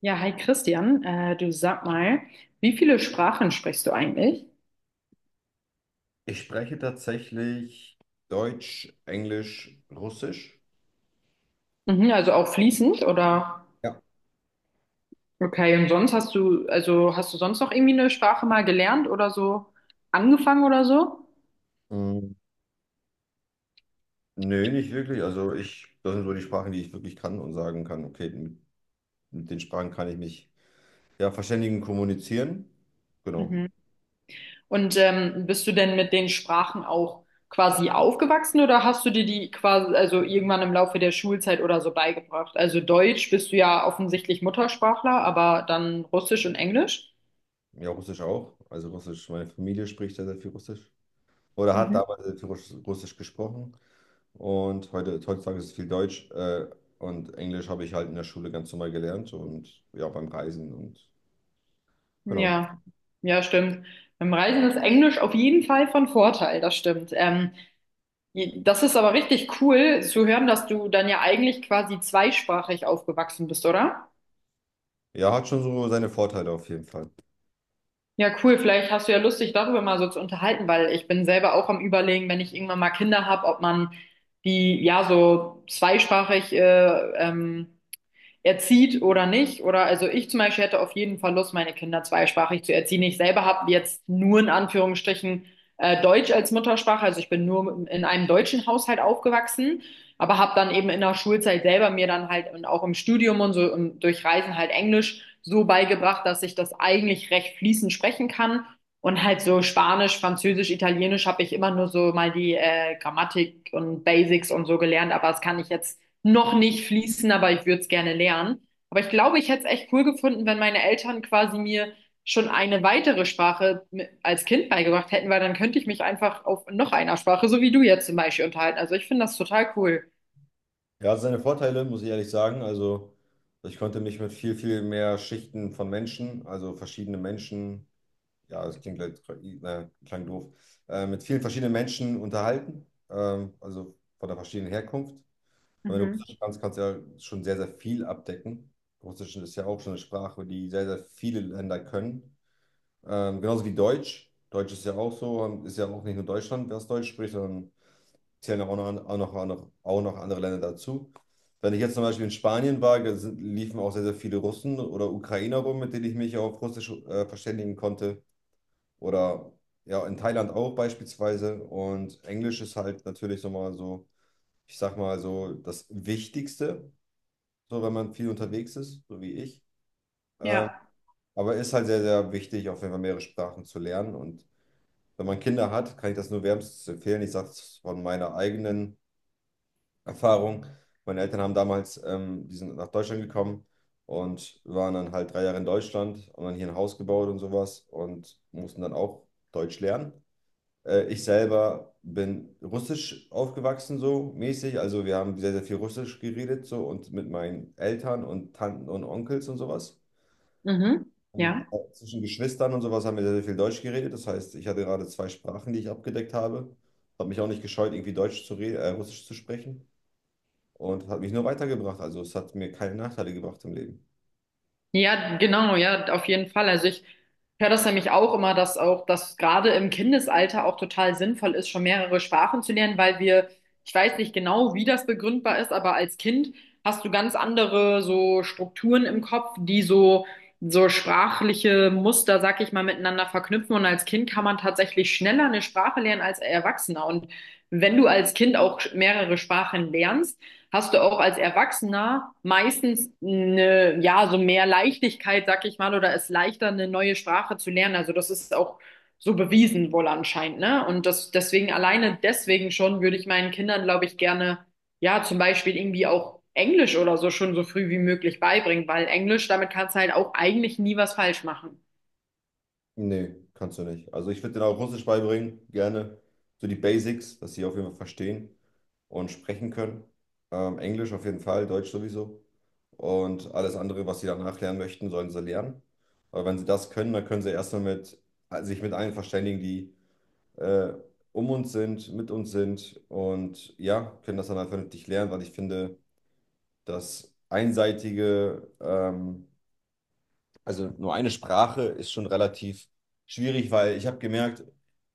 Ja, hi Christian, du sag mal, wie viele Sprachen sprichst du eigentlich? Ich spreche tatsächlich Deutsch, Englisch, Russisch. Mhm, also auch fließend oder? Ja. Okay, und sonst hast du, also hast du sonst noch irgendwie eine Sprache mal gelernt oder so angefangen oder so? Hm, nö, nicht wirklich. Also das sind so die Sprachen, die ich wirklich kann und sagen kann, okay, mit den Sprachen kann ich mich ja verständigen, kommunizieren. Genau. Mhm. Und bist du denn mit den Sprachen auch quasi aufgewachsen oder hast du dir die quasi, also irgendwann im Laufe der Schulzeit oder so beigebracht? Also Deutsch bist du ja offensichtlich Muttersprachler, aber dann Russisch und Englisch? Ja, Russisch auch. Also Russisch, meine Familie spricht sehr, sehr viel Russisch. Oder hat Mhm. damals sehr viel Russisch gesprochen. Und heutzutage ist es viel Deutsch. Und Englisch habe ich halt in der Schule ganz normal gelernt und ja, beim Reisen und genau. Ja, ja, stimmt. Beim Reisen ist Englisch auf jeden Fall von Vorteil, das stimmt. Das ist aber richtig cool zu hören, dass du dann ja eigentlich quasi zweisprachig aufgewachsen bist, oder? Ja, hat schon so seine Vorteile auf jeden Fall. Ja, cool. Vielleicht hast du ja Lust, dich darüber mal so zu unterhalten, weil ich bin selber auch am Überlegen, wenn ich irgendwann mal Kinder habe, ob man die ja so zweisprachig erzieht oder nicht. Oder also ich zum Beispiel hätte auf jeden Fall Lust, meine Kinder zweisprachig zu erziehen. Ich selber habe jetzt nur in Anführungsstrichen Deutsch als Muttersprache. Also ich bin nur in einem deutschen Haushalt aufgewachsen, aber habe dann eben in der Schulzeit selber mir dann halt und auch im Studium und so und durch Reisen halt Englisch so beigebracht, dass ich das eigentlich recht fließend sprechen kann. Und halt so Spanisch, Französisch, Italienisch habe ich immer nur so mal die Grammatik und Basics und so gelernt, aber das kann ich jetzt noch nicht fließen, aber ich würde es gerne lernen. Aber ich glaube, ich hätte es echt cool gefunden, wenn meine Eltern quasi mir schon eine weitere Sprache als Kind beigebracht hätten, weil dann könnte ich mich einfach auf noch einer Sprache, so wie du jetzt zum Beispiel, unterhalten. Also ich finde das total cool. Er hat seine Vorteile, muss ich ehrlich sagen. Also, ich konnte mich mit viel, viel mehr Schichten von Menschen, also verschiedene Menschen, ja, das klingt, klang doof, mit vielen verschiedenen Menschen unterhalten, also von der verschiedenen Herkunft. Und wenn du Mhm. Russisch kannst, kannst du ja schon sehr, sehr viel abdecken. Russisch ist ja auch schon eine Sprache, die sehr, sehr viele Länder können. Genauso wie Deutsch. Deutsch ist ja auch so, ist ja auch nicht nur Deutschland, wer es Deutsch spricht, sondern zählen auch noch, andere Länder dazu. Wenn ich jetzt zum Beispiel in Spanien war, liefen auch sehr, sehr viele Russen oder Ukrainer rum, mit denen ich mich auf Russisch verständigen konnte. Oder ja, in Thailand auch beispielsweise. Und Englisch ist halt natürlich so mal so, ich sag mal so, das Wichtigste, so wenn man viel unterwegs ist, so wie ich. Ähm, Ja. aber ist halt sehr, sehr wichtig, auf jeden Fall mehrere Sprachen zu lernen. Und wenn man Kinder hat, kann ich das nur wärmstens empfehlen. Ich sage es von meiner eigenen Erfahrung. Meine Eltern haben damals, die sind nach Deutschland gekommen und waren dann halt 3 Jahre in Deutschland und dann hier ein Haus gebaut und sowas und mussten dann auch Deutsch lernen. Ich selber bin russisch aufgewachsen, so mäßig. Also wir haben sehr, sehr viel Russisch geredet, so und mit meinen Eltern und Tanten und Onkels und sowas. Mhm. Und Ja. auch zwischen Geschwistern und sowas haben wir sehr, sehr viel Deutsch geredet. Das heißt, ich hatte gerade zwei Sprachen, die ich abgedeckt habe. Habe mich auch nicht gescheut, irgendwie Deutsch zu reden, Russisch zu sprechen. Und das hat mich nur weitergebracht. Also es hat mir keine Nachteile gebracht im Leben. Ja, genau, ja, auf jeden Fall. Also ich höre das nämlich auch immer, dass auch das gerade im Kindesalter auch total sinnvoll ist, schon mehrere Sprachen zu lernen, weil wir, ich weiß nicht genau, wie das begründbar ist, aber als Kind hast du ganz andere so Strukturen im Kopf, die so sprachliche Muster, sag ich mal, miteinander verknüpfen. Und als Kind kann man tatsächlich schneller eine Sprache lernen als Erwachsener. Und wenn du als Kind auch mehrere Sprachen lernst, hast du auch als Erwachsener meistens eine, ja, so mehr Leichtigkeit, sag ich mal, oder es leichter, eine neue Sprache zu lernen. Also das ist auch so bewiesen wohl anscheinend, ne? Und das deswegen alleine deswegen schon würde ich meinen Kindern, glaube ich, gerne, ja, zum Beispiel irgendwie auch Englisch oder so schon so früh wie möglich beibringen, weil Englisch, damit kannst du halt auch eigentlich nie was falsch machen. Nee, kannst du nicht. Also ich würde denen auch Russisch beibringen, gerne. So die Basics, dass sie auf jeden Fall verstehen und sprechen können. Englisch auf jeden Fall, Deutsch sowieso. Und alles andere, was sie danach lernen möchten, sollen sie lernen. Aber wenn sie das können, dann können sie erstmal sich mit allen verständigen, die äh, um uns sind, mit uns sind und ja, können das dann halt vernünftig lernen, weil ich finde, das einseitige, also nur eine Sprache ist schon relativ schwierig, weil ich habe gemerkt,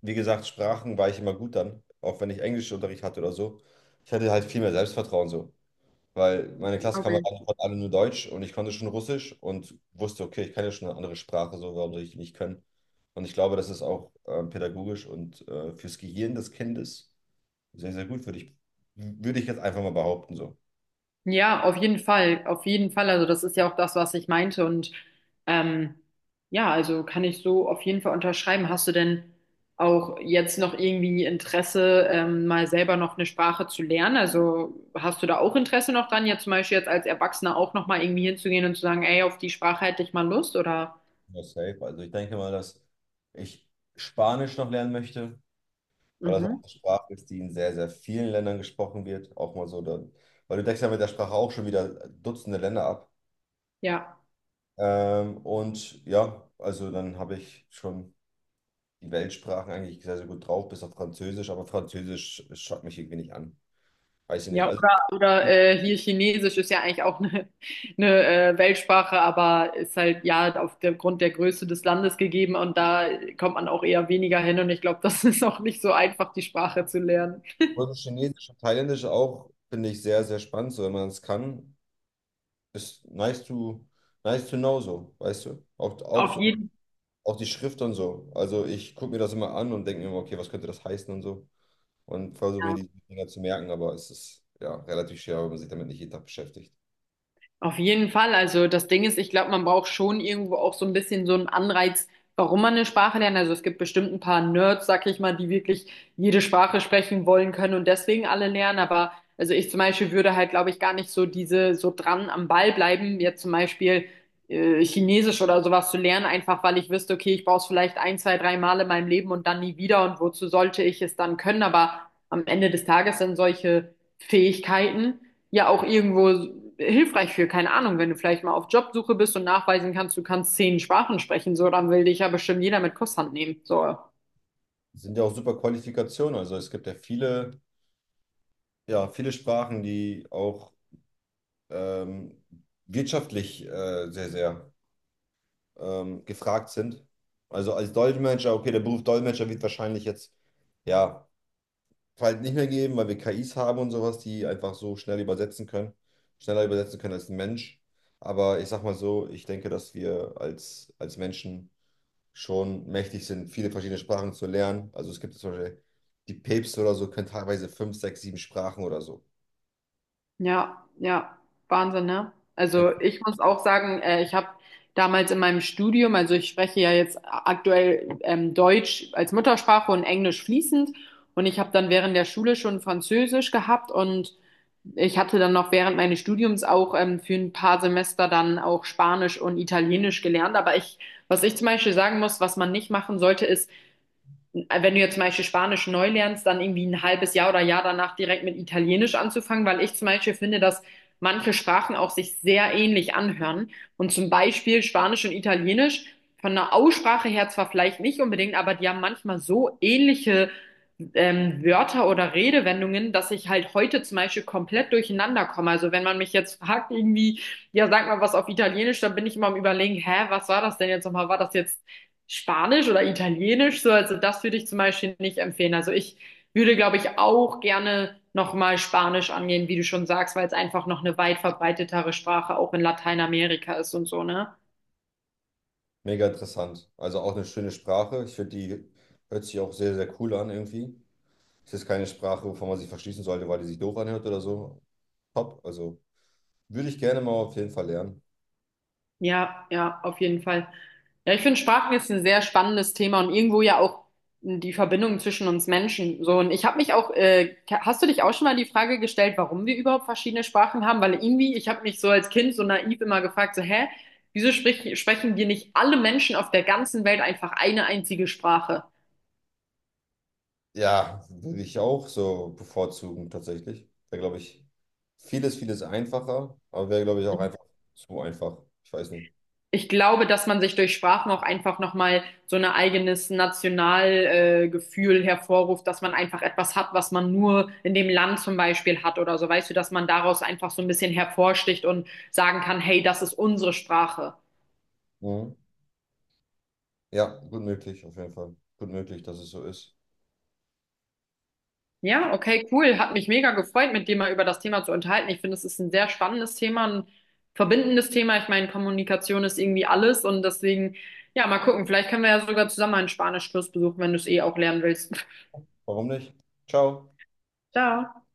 wie gesagt, Sprachen war ich immer gut dann, auch wenn ich Englischunterricht hatte oder so. Ich hatte halt viel mehr Selbstvertrauen so, weil meine Klassenkameraden konnten alle nur Deutsch und ich konnte schon Russisch und wusste, okay, ich kann ja schon eine andere Sprache, so warum soll ich die nicht können? Und ich glaube, das ist auch pädagogisch und fürs Gehirn des Kindes sehr, sehr gut, würde ich jetzt einfach mal behaupten so. Ja, auf jeden Fall, auf jeden Fall. Also das ist ja auch das, was ich meinte. Und ähm, ja, also kann ich so auf jeden Fall unterschreiben. Hast du denn auch jetzt noch irgendwie Interesse, mal selber noch eine Sprache zu lernen? Also hast du da auch Interesse noch dran, jetzt zum Beispiel jetzt als Erwachsener auch noch mal irgendwie hinzugehen und zu sagen, ey, auf die Sprache hätte ich mal Lust? Oder? Ja, safe. Also ich denke mal, dass ich Spanisch noch lernen möchte, weil das auch Mhm. eine Sprache ist, die in sehr, sehr vielen Ländern gesprochen wird. Auch mal so, dann, weil du deckst ja mit der Sprache auch schon wieder Dutzende Länder ab. Ja. Und ja, also dann habe ich schon die Weltsprachen eigentlich sehr, sehr gut drauf, bis auf Französisch, aber Französisch schaut mich irgendwie nicht an. Weiß ich nicht. Ja, Also oder, oder hier Chinesisch ist ja eigentlich auch eine Weltsprache, aber ist halt ja aufgrund der Größe des Landes gegeben und da kommt man auch eher weniger hin und ich glaube, das ist auch nicht so einfach, die Sprache zu lernen. Russisch, Chinesisch und Thailändisch auch finde ich sehr, sehr spannend. So, wenn man es kann, ist nice to know so, weißt du? Auch, auch Auf so, jeden auch die Schrift und so. Also ich gucke mir das immer an und denke mir immer, okay, was könnte das heißen und so. Und versuche mir Fall. die Dinger zu merken, aber es ist ja relativ schwer, wenn man sich damit nicht jeden Tag beschäftigt. Auf jeden Fall. Also das Ding ist, ich glaube, man braucht schon irgendwo auch so ein bisschen so einen Anreiz, warum man eine Sprache lernt. Also es gibt bestimmt ein paar Nerds, sag ich mal, die wirklich jede Sprache sprechen wollen können und deswegen alle lernen. Aber also ich zum Beispiel würde halt, glaube ich, gar nicht so diese so dran am Ball bleiben, jetzt zum Beispiel Chinesisch oder sowas zu lernen, einfach weil ich wüsste, okay, ich brauche es vielleicht ein, zwei, drei Mal in meinem Leben und dann nie wieder und wozu sollte ich es dann können? Aber am Ende des Tages sind solche Fähigkeiten ja auch irgendwo hilfreich für. Keine Ahnung, wenn du vielleicht mal auf Jobsuche bist und nachweisen kannst, du kannst zehn Sprachen sprechen, so, dann will dich ja bestimmt jeder mit Kusshand nehmen. So, Es sind ja auch super Qualifikationen, also es gibt ja, viele Sprachen, die auch ähm, wirtschaftlich sehr, sehr gefragt sind. Also als Dolmetscher, okay, der Beruf Dolmetscher wird wahrscheinlich jetzt, ja, halt nicht mehr geben, weil wir KIs haben und sowas, die einfach so schnell übersetzen können, schneller übersetzen können als ein Mensch. Aber ich sag mal so, ich denke, dass wir als Menschen schon mächtig sind, viele verschiedene Sprachen zu lernen. Also es gibt zum Beispiel die Päpste oder so, können teilweise fünf, sechs, sieben Sprachen oder so. ja, ja, Wahnsinn, ne? Ja. Also ich muss auch sagen, ich habe damals in meinem Studium, also ich spreche ja jetzt aktuell Deutsch als Muttersprache und Englisch fließend und ich habe dann während der Schule schon Französisch gehabt und ich hatte dann noch während meines Studiums auch für ein paar Semester dann auch Spanisch und Italienisch gelernt. Aber ich, was ich zum Beispiel sagen muss, was man nicht machen sollte, ist, wenn du jetzt zum Beispiel Spanisch neu lernst, dann irgendwie ein halbes Jahr oder Jahr danach direkt mit Italienisch anzufangen, weil ich zum Beispiel finde, dass manche Sprachen auch sich sehr ähnlich anhören. Und zum Beispiel Spanisch und Italienisch von der Aussprache her zwar vielleicht nicht unbedingt, aber die haben manchmal so ähnliche Wörter oder Redewendungen, dass ich halt heute zum Beispiel komplett durcheinander komme. Also wenn man mich jetzt fragt, irgendwie, ja, sag mal was auf Italienisch, dann bin ich immer am Überlegen, hä, was war das denn jetzt nochmal? War das jetzt Spanisch oder Italienisch so. Also das würde ich zum Beispiel nicht empfehlen. Also ich würde, glaube ich, auch gerne nochmal Spanisch angehen, wie du schon sagst, weil es einfach noch eine weit verbreitetere Sprache auch in Lateinamerika ist und so, ne? Mega interessant. Also auch eine schöne Sprache. Ich finde, die hört sich auch sehr, sehr cool an irgendwie. Es ist keine Sprache, wovon man sich verschließen sollte, weil die sich doof anhört oder so. Top. Also würde ich gerne mal auf jeden Fall lernen. Ja, ja, auf jeden Fall. Ja, ich finde Sprachen ist ein sehr spannendes Thema und irgendwo ja auch die Verbindung zwischen uns Menschen. So, und ich habe mich auch, hast du dich auch schon mal die Frage gestellt, warum wir überhaupt verschiedene Sprachen haben? Weil irgendwie, ich habe mich so als Kind so naiv immer gefragt, so, hä, wieso sprechen wir nicht alle Menschen auf der ganzen Welt einfach eine einzige Sprache? Ja, würde ich auch so bevorzugen, tatsächlich. Wäre, glaube ich, vieles, vieles einfacher, aber wäre, glaube ich, auch einfach zu einfach. Ich weiß nicht. Ich glaube, dass man sich durch Sprachen auch einfach nochmal so ein eigenes Nationalgefühl Gefühl hervorruft, dass man einfach etwas hat, was man nur in dem Land zum Beispiel hat oder so. Weißt du, dass man daraus einfach so ein bisschen hervorsticht und sagen kann, hey, das ist unsere Sprache. Mhm. Ja, gut möglich, auf jeden Fall. Gut möglich, dass es so ist. Ja, okay, cool. Hat mich mega gefreut, mit dir mal über das Thema zu unterhalten. Ich finde, es ist ein sehr spannendes Thema, ein verbindendes Thema. Ich meine, Kommunikation ist irgendwie alles und deswegen, ja, mal gucken. Vielleicht können wir ja sogar zusammen einen Spanischkurs besuchen, wenn du es eh auch lernen willst. Warum nicht? Ciao. Ciao.